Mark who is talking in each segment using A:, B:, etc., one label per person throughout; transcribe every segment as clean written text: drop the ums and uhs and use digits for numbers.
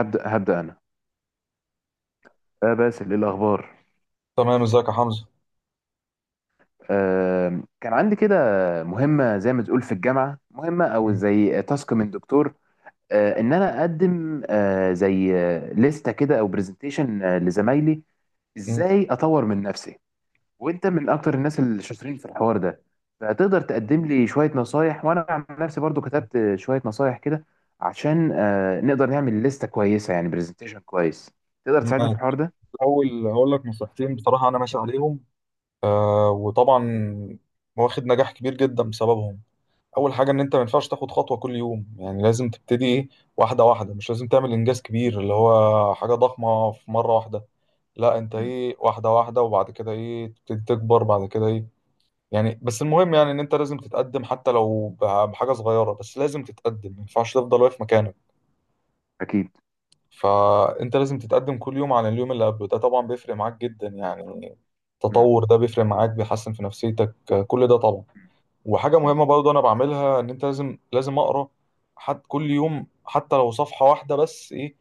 A: هبدأ أنا. باسل، إيه الأخبار؟
B: تمام، ازيك يا حمزه؟
A: كان عندي كده مهمة زي ما تقول في الجامعة، مهمة أو
B: مم.
A: زي تاسك من دكتور. إن أنا أقدم، آه زي آه، لستة كده أو برزنتيشن لزمايلي،
B: مم.
A: إزاي أطور من نفسي. وأنت من أكتر الناس الشاطرين في الحوار ده، فتقدر تقدم لي شوية نصايح. وأنا عن نفسي برضو كتبت شوية نصايح كده عشان نقدر نعمل لستة كويسة، يعني برزنتيشن كويس. تقدر تساعدني في الحوار
B: ماشي.
A: ده؟
B: اول هقول لك نصيحتين. بصراحه انا ماشي عليهم وطبعا واخد نجاح كبير جدا بسببهم. اول حاجه ان انت ما ينفعش تاخد خطوه كل يوم، يعني لازم تبتدي ايه، واحده واحده، مش لازم تعمل انجاز كبير اللي هو حاجه ضخمه في مره واحده. لا، انت
A: مم.
B: ايه، واحده واحده وبعد كده ايه تبتدي تكبر بعد كده ايه. يعني بس المهم، يعني ان انت لازم تتقدم حتى لو بحاجه صغيره، بس لازم تتقدم، ما ينفعش تفضل واقف مكانك.
A: أكيد.
B: فانت لازم تتقدم كل يوم عن اليوم اللي قبله. ده طبعا بيفرق معاك جدا يعني.
A: مم.
B: التطور ده بيفرق معاك، بيحسن في نفسيتك، كل ده طبعا. وحاجة
A: مم.
B: مهمة برضه انا بعملها، ان انت لازم لازم اقرا حد كل يوم حتى لو صفحة واحدة بس ايه،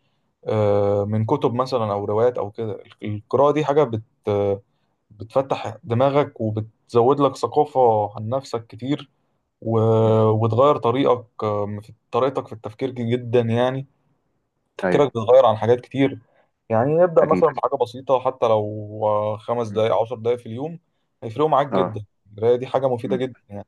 B: من كتب مثلا او روايات او كده. القراءة دي حاجة بت آه، بتفتح دماغك وبتزود لك ثقافة عن نفسك كتير،
A: مم.
B: وتغير طريقك آه، في طريقتك في التفكير جدا يعني. تفكيرك
A: ايوه.
B: بيتغير عن حاجات كتير. يعني نبدأ مثلا
A: اكيد.
B: بحاجة بسيطة، حتى لو خمس
A: مم.
B: دقايق 10 دقايق في اليوم، هيفرقوا معاك
A: اه.
B: جدا. القراية دي حاجة مفيدة
A: مم.
B: جدا يعني.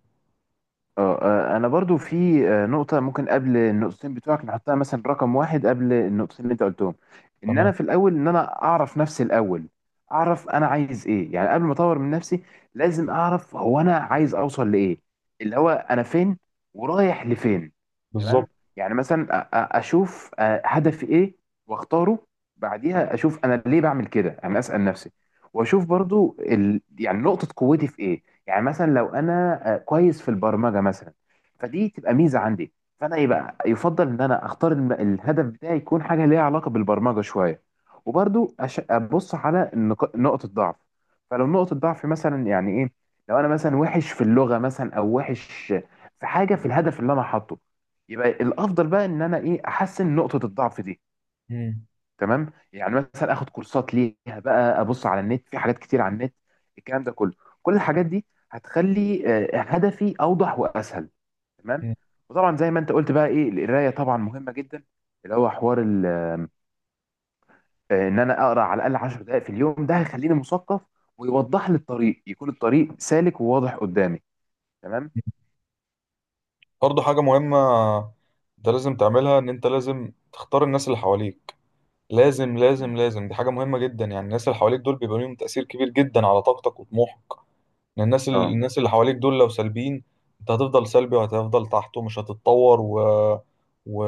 A: اه، انا برضو في نقطه ممكن قبل النقطتين بتوعك نحطها، مثلا رقم واحد قبل النقطتين اللي انت قلتهم، ان انا
B: تمام.
A: في الاول ان انا اعرف نفسي الاول، اعرف انا عايز ايه. يعني قبل ما اطور من نفسي لازم اعرف هو انا عايز اوصل لايه، اللي هو انا فين ورايح لفين. تمام.
B: بالظبط.
A: يعني مثلا اشوف هدفي ايه واختاره. بعديها اشوف انا ليه بعمل كده، انا اسال نفسي. واشوف برضو يعني نقطه قوتي في ايه. يعني مثلا لو انا كويس في البرمجه مثلا، فدي تبقى ميزه عندي. فانا يبقى يفضل ان انا اختار الهدف بتاعي يكون حاجه ليها علاقه بالبرمجه شويه. وبرضو ابص على نقطه ضعف. فلو نقطه ضعف مثلا، يعني ايه؟ لو انا مثلا وحش في اللغه مثلا، او وحش في حاجه في الهدف اللي انا حاطه، يبقى الافضل بقى ان انا ايه احسن نقطه الضعف دي.
B: مم.
A: تمام. يعني مثلا اخد كورسات ليها، بقى ابص على النت، في حاجات كتير على النت، الكلام ده كله، كل الحاجات دي هتخلي هدفي اوضح واسهل. تمام.
B: مم.
A: وطبعا زي ما انت قلت بقى ايه، القرايه طبعا مهمه جدا، اللي هو حوار ان انا اقرا على الاقل 10 دقائق في اليوم، ده هيخليني مثقف ويوضح لي الطريق، يكون الطريق سالك وواضح قدامي. تمام.
B: برضه حاجة مهمة انت لازم تعملها، ان انت لازم تختار الناس اللي حواليك. لازم
A: مم.
B: لازم لازم، دي حاجة مهمة جدا يعني. الناس اللي حواليك دول بيبقى ليهم تأثير كبير جدا على طاقتك وطموحك. يعني الناس ال-
A: اه.
B: الناس اللي حواليك دول لو سلبيين، انت هتفضل سلبي وهتفضل تحت ومش هتتطور، و...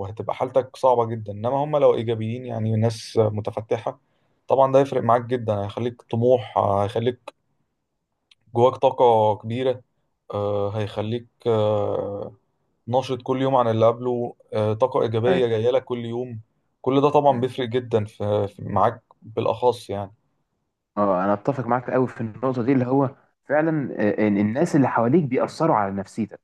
B: وهتبقى حالتك صعبة جدا. انما هم لو ايجابيين، يعني ناس متفتحة، طبعا ده هيفرق معاك جدا، هيخليك طموح،
A: مم.
B: هيخليك جواك طاقة كبيرة، هيخليك ناشط كل يوم عن اللي قبله، طاقة إيجابية
A: ايوه.
B: جاية لك كل يوم. كل ده طبعا
A: مم.
B: بيفرق جدا معاك بالأخص يعني.
A: اه، انا اتفق معاك قوي في النقطه دي، اللي هو فعلا، إن الناس اللي حواليك بيأثروا على نفسيتك.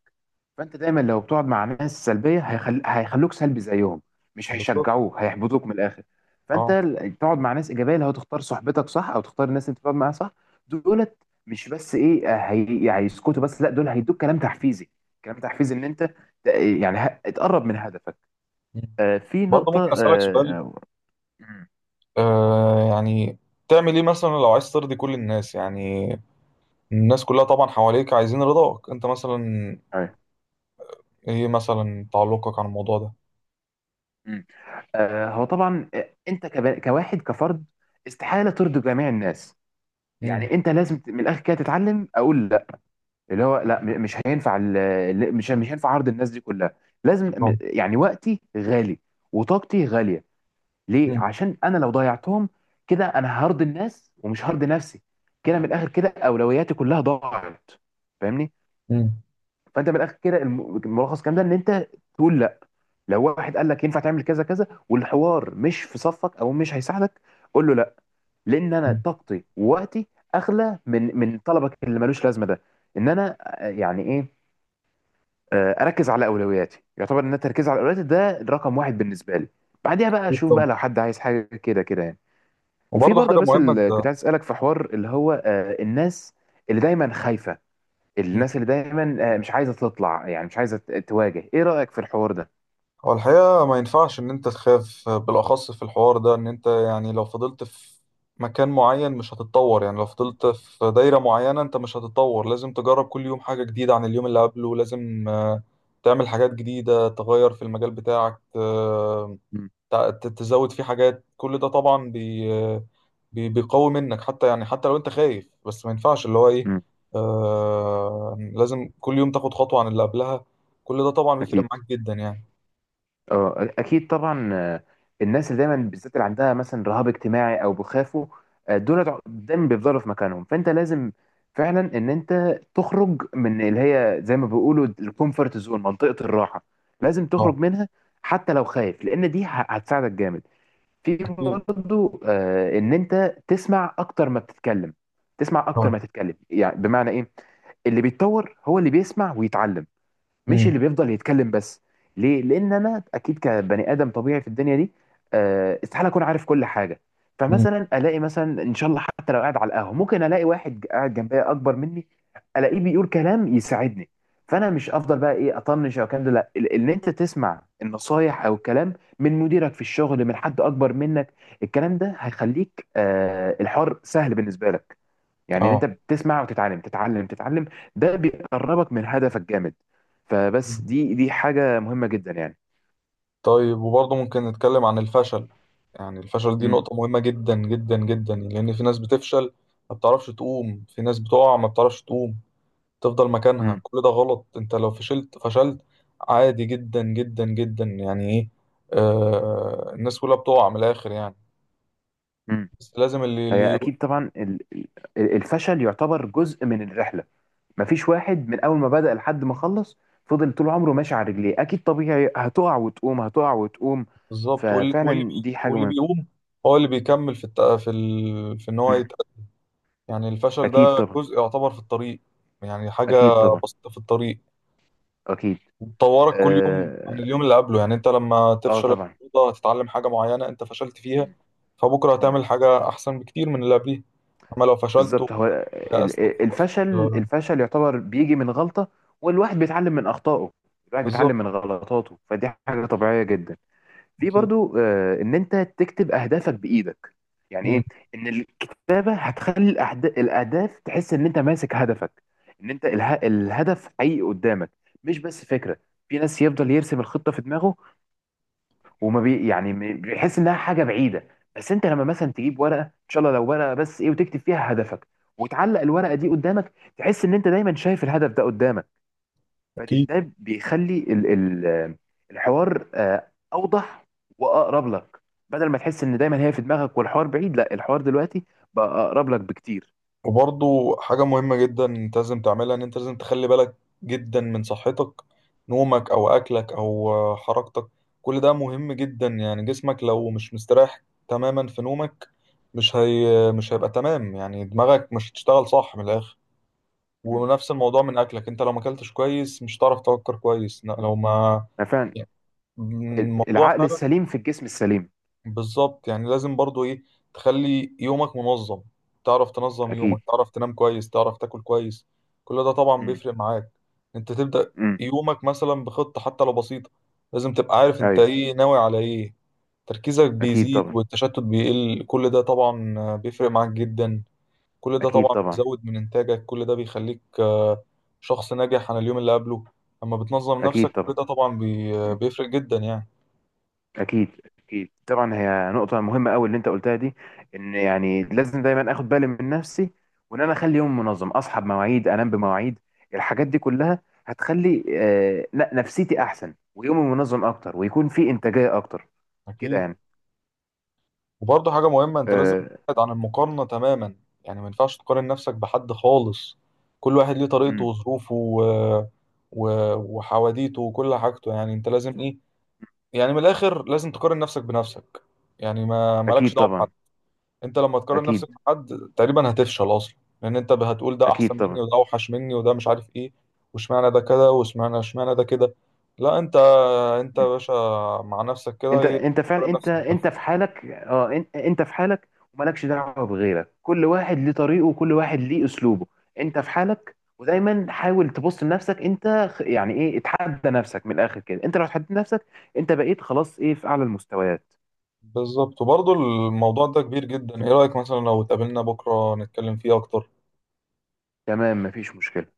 A: فانت دايما لو بتقعد مع ناس سلبيه، هيخلوك سلبي زيهم، مش
B: بالظبط.
A: هيشجعوك، هيحبطوك من الاخر. فانت
B: اه.
A: تقعد مع ناس ايجابيه، اللي هو تختار صحبتك صح، او تختار الناس اللي بتقعد معاها صح. دولت مش بس ايه، هيسكتوا بس، لا، دول هيدوك كلام تحفيزي. كلام تحفيزي ان انت ت- يعني تقرب من هدفك. في
B: برضه ممكن
A: نقطه
B: أسألك سؤال؟
A: مم،
B: يعني تعمل ايه مثلا لو عايز ترضي كل الناس؟ يعني الناس كلها طبعا حواليك عايزين رضاك انت مثلا،
A: أيوة،
B: ايه مثلا تعلقك عن الموضوع ده؟
A: مم. هو طبعا، انت كواحد كفرد استحاله ترضي جميع الناس.
B: امم.
A: يعني انت لازم من الاخر كده تتعلم اقول لا. اللي هو لا، مش هينفع، مش هينفع عرض الناس دي كلها. لازم
B: طبعا.
A: يعني وقتي غالي وطاقتي غالية. ليه؟
B: امم.
A: عشان انا لو ضيعتهم كده انا هرضي الناس ومش هرضي نفسي، كده من الاخر كده اولوياتي كلها ضاعت. فاهمني؟
B: امم.
A: فانت من الاخر كده الملخص الكلام ده ان انت تقول لا. لو واحد قال لك ينفع تعمل كذا كذا، والحوار مش في صفك او مش هيساعدك، قول له لا. لان انا طاقتي ووقتي اغلى من طلبك اللي ملوش لازمه ده. ان انا يعني ايه، اركز على اولوياتي. يعتبر ان أنا التركيز على اولوياتي ده الرقم واحد بالنسبه لي. بعديها بقى
B: أكيد
A: اشوف
B: طبعا.
A: بقى لو حد عايز حاجه كده كده يعني. وفي
B: وبرضه
A: برضه
B: حاجة
A: بس
B: مهمة انت،
A: اللي كنت عايز اسالك في حوار، اللي هو الناس اللي دايما خايفه، الناس اللي دايما مش عايزه تطلع، يعني مش عايزه تواجه، ايه رايك في الحوار ده؟
B: هو الحقيقة ما ينفعش إن أنت تخاف. بالأخص في الحوار ده، إن أنت يعني لو فضلت في مكان معين مش هتتطور. يعني لو فضلت في دايرة معينة أنت مش هتتطور. لازم تجرب كل يوم حاجة جديدة عن اليوم اللي قبله. لازم تعمل حاجات جديدة، تغير في المجال بتاعك،
A: مم.
B: تزود فيه حاجات. كل ده طبعا بيقوي منك، حتى يعني حتى لو أنت خايف، بس ما ينفعش اللي هو إيه،
A: مم.
B: لازم كل يوم تاخد خطوة عن اللي قبلها. كل ده طبعا بيفرق
A: اكيد.
B: معاك جدا يعني.
A: اه، اكيد طبعا. الناس اللي دايما بالذات اللي عندها مثلا رهاب اجتماعي او بيخافوا، دول دايما بيفضلوا في مكانهم. فانت لازم فعلا ان انت تخرج من اللي هي زي ما بيقولوا الكومفورت زون، منطقة الراحة. لازم
B: اه.
A: تخرج منها حتى لو خايف، لان دي هتساعدك جامد. في برضه ان انت تسمع اكتر ما بتتكلم. تسمع اكتر
B: اه.
A: ما تتكلم يعني بمعنى ايه؟ اللي بيتطور هو اللي بيسمع ويتعلم، مش
B: امم.
A: اللي بيفضل يتكلم بس. ليه؟ لان انا اكيد كبني ادم طبيعي في الدنيا دي، استحاله اكون عارف كل حاجه.
B: امم.
A: فمثلا الاقي مثلا ان شاء الله حتى لو قاعد على القهوه، ممكن الاقي واحد قاعد جنبي اكبر مني، الاقيه بيقول كلام يساعدني. فانا مش افضل بقى ايه اطنش او الكلام ده، لا، ان انت تسمع النصايح او الكلام من مديرك في الشغل، من حد اكبر منك، الكلام ده هيخليك الحوار سهل بالنسبه لك. يعني ان
B: اه.
A: انت بتسمع وتتعلم، تتعلم تتعلم. ده بيقربك من هدفك جامد.
B: مم.
A: فبس دي حاجة مهمة جدا يعني.
B: طيب، وبرضه ممكن نتكلم عن الفشل؟ يعني الفشل دي
A: امم.
B: نقطة مهمة جدا جدا جدا، لأن في ناس بتفشل ما بتعرفش تقوم، في ناس بتقع ما بتعرفش تقوم، تفضل مكانها،
A: امم.
B: كل ده غلط. انت لو فشلت فشلت، عادي جدا جدا جدا يعني ايه. الناس كلها بتقع من الآخر يعني.
A: امم.
B: بس لازم اللي
A: هي
B: اللي
A: اكيد طبعا، الفشل يعتبر جزء من الرحلة. مفيش واحد من اول ما بدأ لحد ما خلص فضل طول عمره ماشي على رجليه، اكيد طبيعي هتقع وتقوم، هتقع وتقوم.
B: بالظبط
A: ففعلا دي حاجة
B: واللي
A: مهمة.
B: بيقوم هو اللي بيكمل في الت... في ال... في ان هو،
A: مم.
B: يعني الفشل
A: اكيد
B: ده
A: طبعا.
B: جزء يعتبر في الطريق، يعني حاجة
A: اكيد طبعا.
B: بسيطة في الطريق.
A: اكيد.
B: وتطورك كل يوم عن
A: اه،
B: اليوم اللي قبله، يعني انت لما تفشل
A: طبعا.
B: النهارده هتتعلم حاجة معينة انت فشلت فيها،
A: مم.
B: فبكرة
A: مم.
B: هتعمل حاجة أحسن بكتير من اللي قبليه. أما لو فشلت
A: بالظبط. هو
B: ويأست
A: ال- ال-
B: وخلاص،
A: الفشل الفشل يعتبر بيجي من غلطة، والواحد بيتعلم من أخطائه، الواحد
B: بالظبط.
A: بيتعلم من غلطاته، فدي حاجة طبيعية جدا. في
B: أكيد.
A: برضو إن أنت تكتب أهدافك بإيدك. يعني
B: مم.
A: إيه؟ إن الكتابة هتخلي الأهداف، تحس إن أنت ماسك هدفك، إن أنت الهدف حقيقي قدامك، مش بس فكرة. في ناس يفضل يرسم الخطة في دماغه، وما بي يعني بيحس انها حاجه بعيده. بس انت لما مثلا تجيب ورقه، ان شاء الله لو ورقه بس ايه، وتكتب فيها هدفك، وتعلق الورقه دي قدامك، تحس ان انت دايما شايف الهدف ده قدامك.
B: أكيد.
A: فده بيخلي ال ال الحوار اوضح واقرب لك. بدل ما تحس ان دايما هي في دماغك والحوار بعيد، لا، الحوار دلوقتي بقى اقرب لك بكتير.
B: وبرضو حاجة مهمة جدا انت لازم تعملها، ان انت لازم تخلي بالك جدا من صحتك، نومك او اكلك او حركتك. كل ده مهم جدا، يعني جسمك لو مش مستريح تماما في نومك، مش هيبقى تمام، يعني دماغك مش هتشتغل صح من الاخر.
A: مم.
B: ونفس الموضوع من اكلك، انت لو ما اكلتش كويس مش هتعرف تفكر كويس. لا،
A: مم.
B: لو ما
A: أنا فعلا
B: يعني الموضوع
A: العقل
B: فعلا،
A: السليم في الجسم السليم.
B: بالظبط، يعني لازم برضو ايه تخلي يومك منظم. تعرف تنظم
A: اكيد.
B: يومك، تعرف تنام كويس، تعرف تاكل كويس، كل ده طبعا
A: مم.
B: بيفرق معاك. انت تبدأ
A: مم.
B: يومك مثلا بخطة حتى لو بسيطة، لازم تبقى عارف انت
A: ايوه.
B: ايه، ناوي على ايه. تركيزك
A: اكيد
B: بيزيد
A: طبعا.
B: والتشتت بيقل، كل ده طبعا بيفرق معاك جدا، كل ده
A: اكيد
B: طبعا
A: طبعا.
B: بيزود من انتاجك، كل ده بيخليك شخص ناجح عن اليوم اللي قبله. اما بتنظم
A: اكيد
B: نفسك كل
A: طبعا.
B: ده طبعا
A: مم.
B: بيفرق جدا يعني.
A: اكيد. اكيد طبعا، هي نقطه مهمه قوي اللي انت قلتها دي. ان يعني لازم دايما اخد بالي من نفسي، وان انا اخلي يوم منظم، اصحى بمواعيد، انام بمواعيد، الحاجات دي كلها هتخلي لا، نفسيتي احسن ويومي منظم اكتر ويكون في انتاجيه اكتر كده
B: اكيد.
A: يعني.
B: وبرضه حاجة مهمة انت لازم
A: آه.
B: تبعد عن المقارنة تماما. يعني ما ينفعش تقارن نفسك بحد خالص. كل واحد ليه طريقته
A: مم.
B: وظروفه و... وحواديته وكل حاجته. يعني انت لازم ايه، يعني من الاخر لازم تقارن نفسك بنفسك، يعني ما مالكش
A: اكيد
B: دعوة بحد.
A: طبعا.
B: انت لما تقارن
A: اكيد.
B: نفسك بحد تقريبا هتفشل اصلا، لان انت هتقول ده
A: اكيد
B: احسن مني
A: طبعا.
B: وده اوحش مني وده مش عارف ايه، واشمعنى ده كده، واشمعنى ده كده. لا، انت يا باشا، مع نفسك كده
A: انت
B: ايه،
A: انت فعلا،
B: تقارن
A: انت
B: نفسك
A: انت
B: بنفسك.
A: في حالك. اه، انت في حالك ومالكش دعوه بغيرك. كل واحد ليه طريقه، وكل واحد ليه اسلوبه. انت في حالك ودايما حاول تبص لنفسك انت. يعني ايه، اتحدى نفسك. من الاخر كده انت لو اتحديت نفسك، انت بقيت خلاص ايه في اعلى المستويات.
B: بالظبط. وبرضه الموضوع ده كبير جدا، ايه رأيك مثلا لو اتقابلنا بكرة نتكلم فيه اكتر؟
A: تمام. مفيش مشكله.